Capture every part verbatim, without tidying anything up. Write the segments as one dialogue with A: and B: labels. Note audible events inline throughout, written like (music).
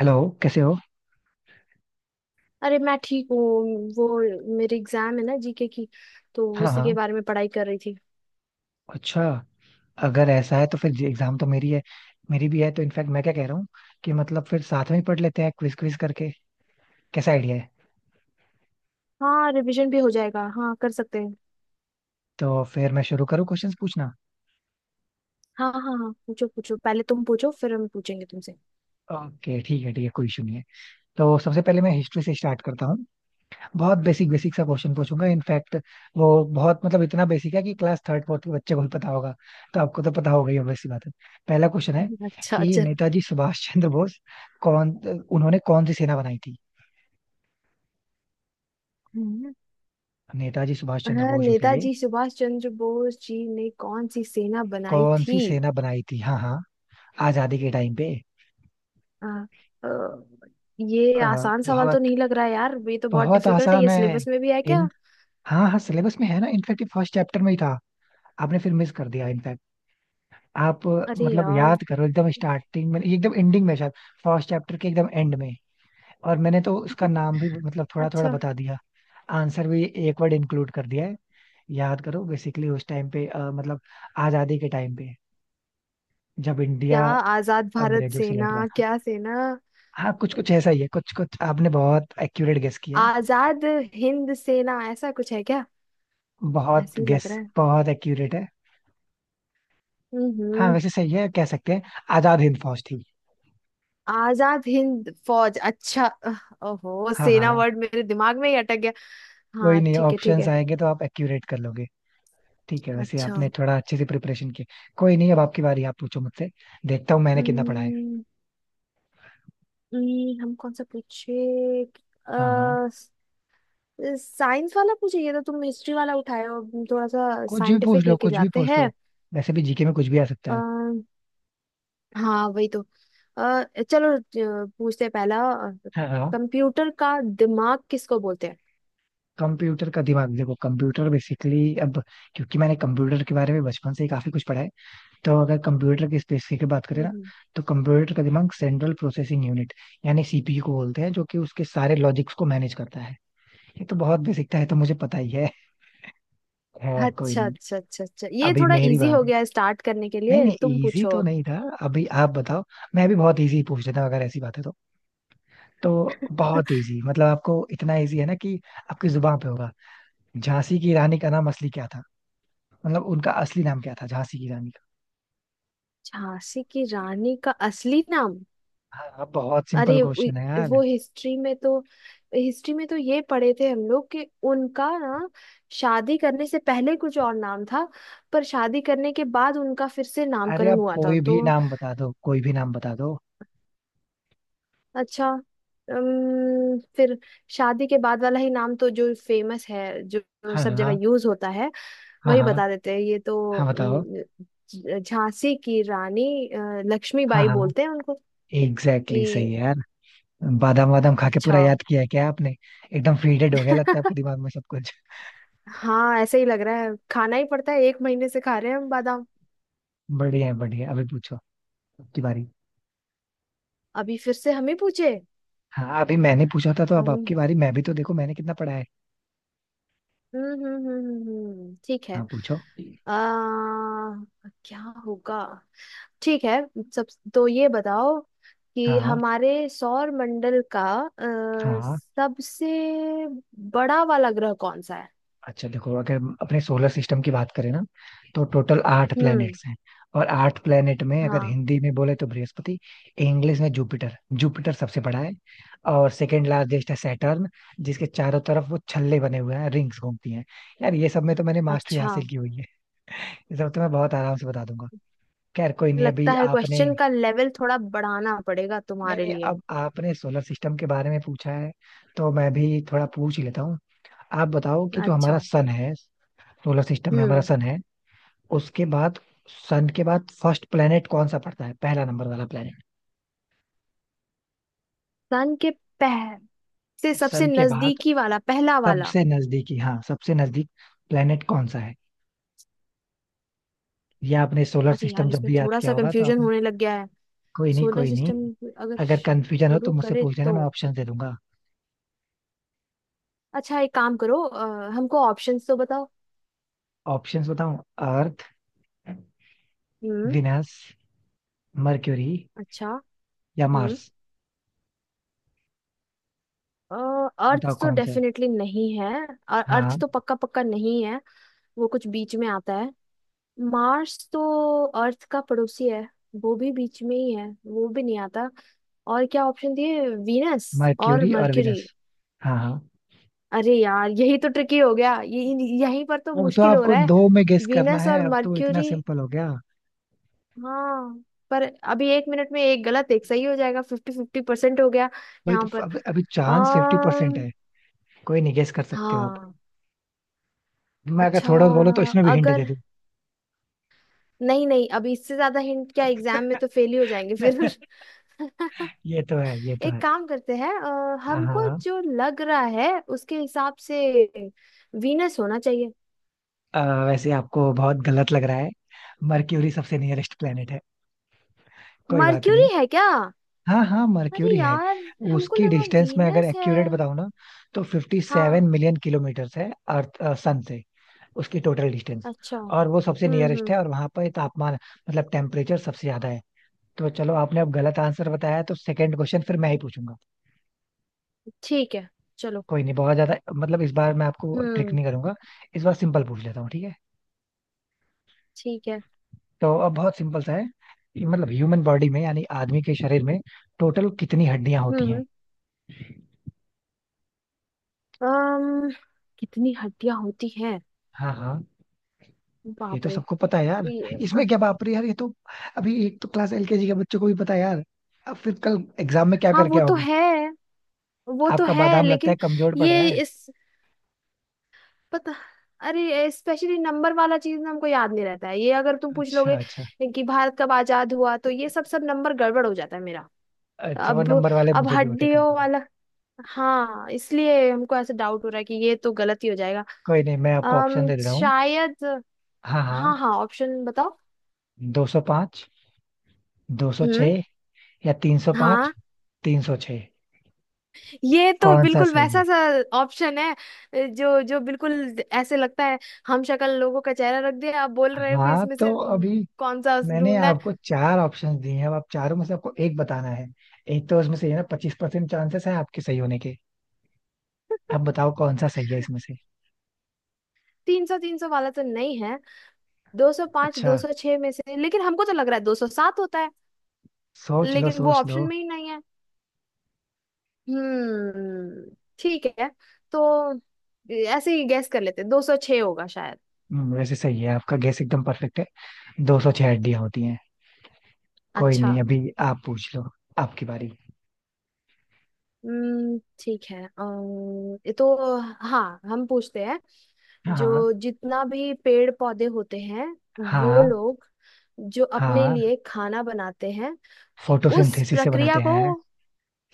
A: Hello. कैसे हो?
B: अरे मैं ठीक हूँ। वो, मेरे एग्जाम है ना जीके की, तो
A: हाँ
B: उसी के
A: हाँ,
B: बारे में पढ़ाई कर रही थी।
A: अच्छा। अगर ऐसा है तो फिर एग्जाम तो मेरी है, मेरी भी है, तो इनफैक्ट मैं क्या कह रहा हूँ कि मतलब फिर साथ में ही पढ़ लेते हैं क्विज क्विज करके, कैसा आइडिया है?
B: हाँ, रिवीजन भी हो जाएगा, हाँ, कर सकते हैं।
A: तो फिर मैं शुरू करूँ क्वेश्चंस पूछना?
B: हाँ हाँ हाँ, पूछो पूछो, पहले तुम पूछो फिर हम पूछेंगे तुमसे।
A: ओके ठीक है ठीक है, कोई इशू नहीं है। तो सबसे पहले मैं हिस्ट्री से स्टार्ट करता हूँ। बहुत बेसिक बेसिक सा क्वेश्चन पूछूंगा इनफैक्ट। वो बहुत मतलब इतना बेसिक है कि क्लास थर्ड फोर्थ के बच्चे को भी पता होगा, तो आपको तो पता होगा ही, obvious सी बात है। पहला क्वेश्चन है
B: (laughs) अच्छा,
A: कि
B: चलो।
A: नेताजी सुभाष चंद्र बोस, कौन, उन्होंने कौन सी सेना बनाई थी?
B: हम्म।
A: नेताजी सुभाष चंद्र
B: हाँ,
A: बोस जो थे,
B: नेताजी सुभाष चंद्र बोस जी ने कौन सी सेना बनाई
A: कौन
B: थी?
A: सी सेना बनाई थी, हाँ हाँ, आजादी के टाइम पे।
B: आ, अ, ये
A: अ,
B: आसान सवाल तो
A: बहुत,
B: नहीं लग रहा है यार, ये तो बहुत
A: बहुत
B: डिफिकल्ट है।
A: आसान
B: ये
A: है।
B: सिलेबस में भी है
A: इन
B: क्या?
A: हाँ हाँ, सिलेबस में है ना, इनफैक्ट फर्स्ट चैप्टर में ही था। आपने फिर मिस कर दिया इनफैक्ट। आप अ,
B: अरे
A: मतलब
B: यार।
A: याद करो, एकदम स्टार्टिंग में, एकदम एंडिंग में शायद। फर्स्ट चैप्टर के एकदम एंड में। और मैंने तो उसका
B: (laughs)
A: नाम भी मतलब थोड़ा थोड़ा
B: अच्छा।
A: बता दिया। आंसर भी एक वर्ड इंक्लूड कर दिया है। याद करो बेसिकली उस टाइम पे अ, मतलब आजादी के टाइम पे जब
B: क्या?
A: इंडिया
B: आजाद भारत
A: अंग्रेजों से लड़
B: सेना?
A: रहा था।
B: क्या सेना?
A: हाँ, कुछ कुछ ऐसा ही है, कुछ कुछ। आपने बहुत एक्यूरेट गेस किया है।
B: आजाद हिंद सेना ऐसा कुछ है क्या?
A: बहुत
B: ऐसे ही
A: गेस,
B: लग रहा है।
A: बहुत एक्यूरेट है। हाँ,
B: हम्म।
A: वैसे सही है, कह सकते हैं। आजाद हिंद फौज थी।
B: आजाद हिंद फौज, अच्छा। अह, ओहो,
A: हाँ हाँ
B: सेना
A: हाँ,
B: वर्ड मेरे दिमाग में ही अटक गया।
A: कोई
B: हाँ,
A: नहीं,
B: ठीक है ठीक
A: ऑप्शंस
B: है।
A: आएंगे तो आप एक्यूरेट कर लोगे। ठीक है, वैसे
B: अच्छा।
A: आपने थोड़ा अच्छे से प्रिपरेशन की। कोई नहीं, अब आपकी बारी, आप पूछो मुझसे। देखता हूँ मैंने कितना पढ़ा है।
B: हम्म, हम्म, हम कौन सा पूछे?
A: हाँ हाँ,
B: अह, साइंस वाला पूछे? ये तो तुम हिस्ट्री वाला उठाए हो, हम थोड़ा सा
A: कुछ भी पूछ
B: साइंटिफिक
A: लो,
B: लेके
A: कुछ भी
B: जाते
A: पूछ
B: हैं।
A: लो, वैसे भी जीके में कुछ भी आ सकता है।
B: अह, हाँ, वही तो। अह, चलो, अह, पूछते हैं पहला।
A: हाँ हाँ।
B: कंप्यूटर का दिमाग किसको बोलते हैं?
A: कंप्यूटर का दिमाग, देखो कंप्यूटर बेसिकली, अब क्योंकि मैंने कंप्यूटर के बारे में बचपन से ही काफी कुछ पढ़ा है, तो अगर कंप्यूटर के स्पेसिफिक की बात करें
B: हम्म
A: ना,
B: हम्म।
A: तो कंप्यूटर का दिमाग सेंट्रल प्रोसेसिंग यूनिट यानी सीपीयू को बोलते हैं, जो कि उसके सारे लॉजिक्स को मैनेज करता है। ये तो बहुत बेसिक था, ये तो मुझे पता ही है। (laughs) खैर कोई
B: अच्छा
A: नहीं।
B: अच्छा अच्छा अच्छा, ये
A: अभी
B: थोड़ा
A: मेरी
B: इजी हो
A: बारी।
B: गया है स्टार्ट करने के
A: नहीं
B: लिए।
A: नहीं,
B: तुम
A: इजी
B: पूछो
A: तो
B: अब।
A: नहीं था। अभी आप बताओ। मैं भी बहुत इजी पूछ लेता हूँ अगर ऐसी बात है तो। तो बहुत
B: (laughs)
A: इजी, मतलब आपको इतना इजी है ना कि आपकी जुबान पे होगा। झांसी की रानी का नाम असली क्या था, मतलब उनका असली नाम क्या था, झांसी की रानी का?
B: झांसी की रानी का असली नाम?
A: हाँ, बहुत सिंपल
B: अरे उ-
A: क्वेश्चन है यार।
B: वो हिस्ट्री में तो, हिस्ट्री में तो ये पढ़े थे हम लोग कि उनका ना, शादी करने से पहले कुछ और नाम था, पर शादी करने के बाद उनका फिर से
A: अरे
B: नामकरण
A: आप
B: हुआ था
A: कोई
B: तो।
A: भी नाम बता दो, कोई भी नाम बता दो।
B: अच्छा, अम, फिर शादी के बाद वाला ही नाम तो, जो फेमस है, जो जो
A: हाँ
B: सब जगह
A: हाँ,
B: यूज होता है,
A: हाँ
B: वही
A: हाँ।
B: बता देते हैं। ये तो
A: हाँ बताओ।
B: अम, झ- झांसी की रानी, अ,
A: हाँ
B: लक्ष्मीबाई
A: हाँ,
B: बोलते हैं उनको।
A: एग्जैक्टली, exactly सही
B: ये?
A: है यार। बादाम वादाम खा के
B: अच्छा।
A: पूरा याद किया है क्या आपने? एकदम फीडेड हो गया लगता है आपके
B: (laughs)
A: दिमाग में सब कुछ।
B: हाँ, ऐसे ही लग रहा है, खाना ही पड़ता है, एक महीने से खा रहे हैं हम बादाम।
A: बढ़िया है, बढ़िया है। अभी पूछो, आपकी बारी।
B: अभी फिर से हम ही पूछे?
A: हाँ, अभी मैंने पूछा था तो अब
B: अम,
A: आपकी बारी। मैं भी तो देखो मैंने कितना पढ़ा है।
B: हम्म हम्म हम्म हम्म हम्म, ठीक है।
A: हाँ पूछो।
B: आ, क्या होगा। ठीक है सब। तो ये बताओ कि
A: हाँ
B: हमारे सौर मंडल का अ,
A: हाँ।
B: सबसे बड़ा वाला ग्रह कौन सा है?
A: अच्छा देखो, अगर अपने सोलर सिस्टम की बात करें ना, तो टोटल आठ
B: हम्म।
A: प्लैनेट्स हैं। और आठ प्लैनेट में, अगर
B: हाँ।
A: हिंदी में बोले तो बृहस्पति, इंग्लिश में जुपिटर, जुपिटर सबसे बड़ा है। और सेकंड लार्जेस्ट है सैटर्न, जिसके चारों तरफ वो छल्ले बने हुए हैं, रिंग्स घूमती हैं। यार ये सब में तो मैंने मास्टरी
B: अच्छा।
A: हासिल की हुई है, ये सब तो मैं बहुत आराम से बता दूंगा। खैर कोई नहीं।
B: लगता
A: अभी
B: है
A: आपने
B: क्वेश्चन का लेवल थोड़ा बढ़ाना पड़ेगा
A: नहीं
B: तुम्हारे
A: नहीं,
B: लिए।
A: अब आपने सोलर सिस्टम के बारे में पूछा है, तो मैं भी थोड़ा पूछ ही लेता हूँ। आप बताओ कि जो हमारा
B: अच्छा।
A: सन है, सोलर सिस्टम में हमारा
B: हम्म।
A: सन है, उसके बाद, सन के बाद फर्स्ट प्लेनेट कौन सा पड़ता है, पहला नंबर वाला प्लेनेट?
B: सन के पह से, सबसे
A: सन के बाद
B: नजदीकी वाला, पहला वाला?
A: सबसे नजदीकी, हाँ सबसे नजदीक प्लेनेट कौन सा है? ये आपने सोलर
B: अरे यार,
A: सिस्टम जब
B: इसमें
A: भी याद
B: थोड़ा
A: किया
B: सा
A: होगा तो
B: कंफ्यूजन
A: आपने,
B: होने लग गया है।
A: कोई नहीं
B: सोलर
A: कोई नहीं,
B: सिस्टम अगर
A: अगर
B: श-
A: कंफ्यूजन हो
B: शुरू
A: तो मुझसे
B: करे
A: पूछ लेना,
B: तो।
A: मैं ऑप्शन दे दूंगा।
B: अच्छा, एक काम करो, अ, हमको ऑप्शंस तो बताओ।
A: ऑप्शंस बताऊं? अर्थ,
B: हम्म।
A: विनस, मर्क्यूरी
B: अच्छा।
A: या
B: हम्म।
A: मार्स। बताओ
B: अर्थ तो
A: कौन सा है?
B: डेफिनेटली नहीं है, और अर्थ
A: हाँ,
B: तो पक्का पक्का नहीं है। वो कुछ बीच में आता है। मार्स तो अर्थ का पड़ोसी है, वो भी बीच में ही है, वो भी नहीं आता। और क्या ऑप्शन दिए, वीनस और
A: मर्क्यूरी और
B: मर्क्यूरी?
A: विनस, हाँ हाँ।
B: अरे यार, यही तो ट्रिकी हो गया ये। यहीं पर तो
A: अब तो
B: मुश्किल हो
A: आपको
B: रहा है।
A: दो में गेस करना
B: वीनस और
A: है, अब तो इतना
B: मर्क्यूरी,
A: सिंपल हो गया।
B: हाँ। पर अभी एक मिनट में, एक गलत एक सही हो जाएगा, फिफ्टी फिफ्टी परसेंट हो गया
A: भाई
B: यहाँ
A: तो
B: पर।
A: अब अभी चांस फिफ्टी परसेंट
B: अम
A: है। कोई नहीं, गेस कर सकते हो आप।
B: हाँ।
A: मैं अगर
B: अच्छा।
A: थोड़ा बोलो तो इसमें भी हिंट दे
B: अगर
A: दूं।
B: नहीं नहीं, अभी इससे ज्यादा हिंट क्या, एग्जाम में तो फेल ही हो जाएंगे फिर।
A: (laughs)
B: (laughs)
A: ये तो है, ये तो
B: एक
A: है।
B: काम करते हैं, अ,
A: हाँ हाँ
B: हमको
A: हाँ।
B: जो लग रहा है उसके हिसाब से वीनस होना चाहिए।
A: अ, वैसे आपको बहुत गलत लग रहा है। मरक्यूरी सबसे नियरेस्ट प्लेनेट है। कोई बात
B: मर्क्यूरी
A: नहीं।
B: है क्या?
A: हाँ हाँ,
B: अरे
A: मरक्यूरी है।
B: यार, हमको
A: उसकी
B: लगा
A: डिस्टेंस में अगर
B: वीनस है।
A: एक्यूरेट बताऊं ना, तो फिफ्टी सेवन
B: हाँ।
A: मिलियन किलोमीटर्स है अर्थ सन से, उसकी टोटल डिस्टेंस।
B: अच्छा।
A: और वो सबसे
B: हम्म
A: नियरेस्ट
B: हम्म।
A: है, और वहां पर तापमान मतलब टेम्परेचर सबसे ज्यादा है। तो चलो, आपने अब गलत आंसर बताया, तो सेकंड क्वेश्चन फिर मैं ही पूछूंगा।
B: ठीक है, चलो।
A: कोई नहीं, बहुत ज्यादा मतलब इस बार मैं आपको ट्रिक
B: हम्म।
A: नहीं करूंगा, इस बार सिंपल पूछ लेता हूँ, ठीक है?
B: ठीक है।
A: तो अब बहुत सिंपल सा है ये। मतलब ह्यूमन बॉडी में, यानी आदमी के शरीर में टोटल कितनी हड्डियां होती हैं?
B: हम्म। अम्म कितनी हड्डियां होती हैं?
A: हाँ हाँ, ये
B: बाप
A: तो
B: रे।
A: सबको पता है यार।
B: ये-
A: इसमें क्या बाप रे यार, ये तो, अभी एक तो क्लास एलकेजी के बच्चों को भी पता है यार। अब फिर कल एग्जाम में क्या
B: हाँ,
A: करके
B: वो तो
A: आओगे?
B: है, वो तो
A: आपका
B: है,
A: बादाम लगता
B: लेकिन,
A: है कमजोर पड़ रहा
B: ये
A: है।
B: इस पता अरे, स्पेशली नंबर वाला चीज ना हमको याद नहीं रहता है, ये अगर तुम पूछ
A: अच्छा
B: लोगे
A: अच्छा।
B: कि भारत कब आजाद हुआ, तो ये सब सब नंबर गड़बड़ हो जाता है मेरा।
A: अच्छा वो
B: अब
A: नंबर वाले
B: अब
A: मुझे भी होते
B: हड्डियों
A: कंफ्यूज।
B: वाला, हाँ, इसलिए हमको ऐसे डाउट हो रहा है कि ये तो गलत ही हो जाएगा।
A: कोई नहीं, मैं आपको ऑप्शन
B: अम
A: दे दे रहा हूँ।
B: शायद।
A: हाँ
B: हाँ
A: हाँ,
B: हाँ, ऑप्शन बताओ।
A: दो सौ पाँच, दो सौ
B: हम्म।
A: छः, या तीन सौ पाँच,
B: हाँ,
A: तीन सौ छह,
B: ये तो
A: कौन सा
B: बिल्कुल
A: सही
B: वैसा
A: है?
B: सा ऑप्शन है, जो जो बिल्कुल ऐसे लगता है, हम शक्ल लोगों का चेहरा रख दिया आप बोल रहे हो कि
A: हाँ
B: इसमें से,
A: तो अभी
B: हम्म, कौन सा
A: मैंने
B: ढूंढना।
A: आपको चार ऑप्शंस दिए हैं, अब आप चारों में से आपको एक बताना है। एक तो उसमें से है ना, पच्चीस परसेंट चांसेस है आपके सही होने के। अब बताओ कौन सा सही है इसमें से?
B: तीन सौ, तीन सौ वाला तो नहीं है। दो सौ पांच,
A: अच्छा,
B: दो सौ छह में से, लेकिन हमको तो लग रहा है दो सौ सात होता है।
A: सोच लो
B: लेकिन वो
A: सोच लो।
B: ऑप्शन में ही नहीं है। हम्म। ठीक है। तो ऐसे ही गैस कर लेते, दो सौ छह होगा शायद।
A: हम्म, वैसे सही है, आपका गेस एकदम परफेक्ट है। दो सौ छह हड्डियां होती हैं। कोई
B: अच्छा।
A: नहीं, अभी आप पूछ लो, आपकी बारी।
B: हम्म। ठीक है। अम्म, ये तो, हाँ, हम पूछते हैं।
A: हाँ
B: जो जितना भी पेड़ पौधे होते हैं, वो
A: हाँ।
B: लोग जो अपने
A: हाँ
B: लिए खाना बनाते हैं, उस
A: फोटोसिंथेसिस से
B: प्रक्रिया
A: बनाते
B: को।
A: हैं,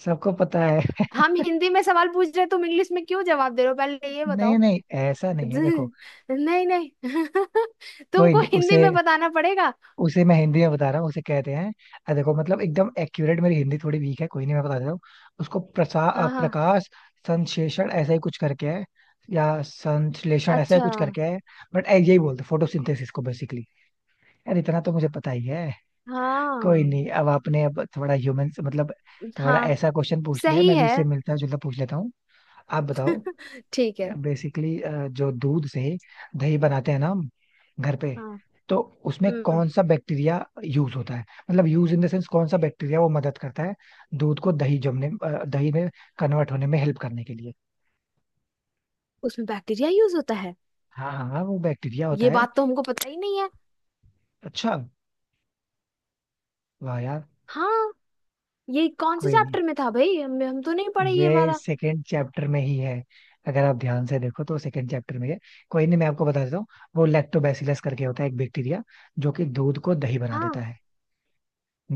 A: सबको पता है। (laughs)
B: हम हिंदी में सवाल पूछ रहे हो, तुम इंग्लिश में क्यों जवाब दे रहे हो, पहले ये
A: नहीं
B: बताओ।
A: नहीं, ऐसा
B: (laughs)
A: नहीं है देखो।
B: नहीं नहीं, (laughs)
A: कोई
B: तुमको
A: नहीं
B: हिंदी
A: उसे,
B: में बताना पड़ेगा।
A: उसे मैं हिंदी में बता रहा हूँ, उसे कहते हैं, अ, देखो मतलब एकदम एक्यूरेट, मेरी हिंदी थोड़ी वीक है, कोई नहीं मैं बता देता हूँ। उसको प्रसा अ,
B: हाँ हाँ।
A: प्रकाश संश्लेषण ऐसा ही कुछ करके है, या संश्लेषण ऐसा ही
B: अच्छा।
A: कुछ करके है। बट यही बोलते फोटोसिंथेसिस को बेसिकली। यार इतना तो मुझे पता ही है। कोई
B: हाँ
A: नहीं, अब आपने अब थोड़ा ह्यूमन मतलब थोड़ा
B: हाँ,
A: ऐसा क्वेश्चन पूछ लिया है,
B: सही
A: मैं भी
B: है।
A: इससे मिलता जुलता पूछ लेता हूँ। आप बताओ
B: ठीक है।
A: बेसिकली, जो दूध से दही बनाते हैं ना हम घर पे,
B: हाँ।
A: तो उसमें
B: हम्म।
A: कौन सा बैक्टीरिया यूज होता है? मतलब यूज इन द सेंस कौन सा बैक्टीरिया वो मदद करता है दूध को दही जमने, अ, दही में कन्वर्ट होने में हेल्प करने के लिए।
B: उसमें बैक्टीरिया यूज होता है?
A: हाँ हाँ हाँ, वो बैक्टीरिया होता
B: ये
A: है।
B: बात तो हमको पता ही नहीं है।
A: अच्छा, वाह यार।
B: हाँ। ये कौन से
A: कोई नहीं,
B: चैप्टर में था भाई, हम, हम तो नहीं पढ़े ये
A: ये
B: वाला।
A: सेकेंड चैप्टर में ही है, अगर आप ध्यान से देखो तो सेकंड चैप्टर में है। कोई नहीं मैं आपको बता देता हूँ। वो लैक्टोबैसिलस करके होता है एक बैक्टीरिया, जो कि दूध को दही बना
B: हाँ।
A: देता है।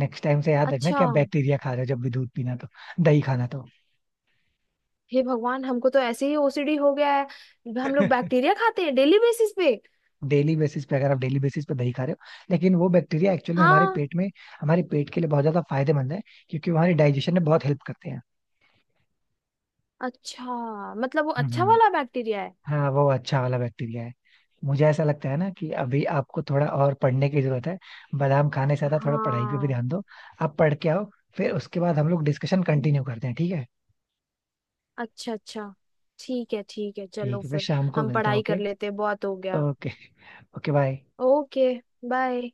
A: नेक्स्ट टाइम से याद रखना कि
B: अच्छा।
A: आप बैक्टीरिया खा रहे हो, जब भी दूध पीना तो, दही खाना तो।
B: हे भगवान, हमको तो ऐसे ही ओसीडी हो गया है, हम लोग
A: (laughs)
B: बैक्टीरिया खाते हैं डेली बेसिस पे।
A: डेली बेसिस पे, अगर आप डेली बेसिस पे दही खा रहे हो, लेकिन वो बैक्टीरिया एक्चुअल में हमारे
B: हाँ।
A: पेट में, हमारे पेट के लिए बहुत ज्यादा फायदेमंद है, क्योंकि वो हमारे डाइजेशन में बहुत हेल्प करते हैं।
B: अच्छा, मतलब वो अच्छा
A: हम्म।
B: वाला बैक्टीरिया है।
A: हाँ, वो अच्छा वाला बैक्टीरिया है। मुझे ऐसा लगता है ना कि अभी आपको थोड़ा और पढ़ने की जरूरत है। बादाम खाने से ज्यादा थोड़ा पढ़ाई पे भी
B: हाँ।
A: ध्यान दो। आप पढ़ के आओ, फिर उसके बाद हम लोग डिस्कशन कंटिन्यू करते हैं, ठीक है?
B: अच्छा अच्छा, ठीक है ठीक है, चलो
A: ठीक है, फिर
B: फिर।
A: शाम को
B: हम
A: मिलते हैं,
B: पढ़ाई कर
A: ओके?
B: लेते हैं, बहुत हो गया।
A: Okay. Okay bye.
B: Okay. Bye.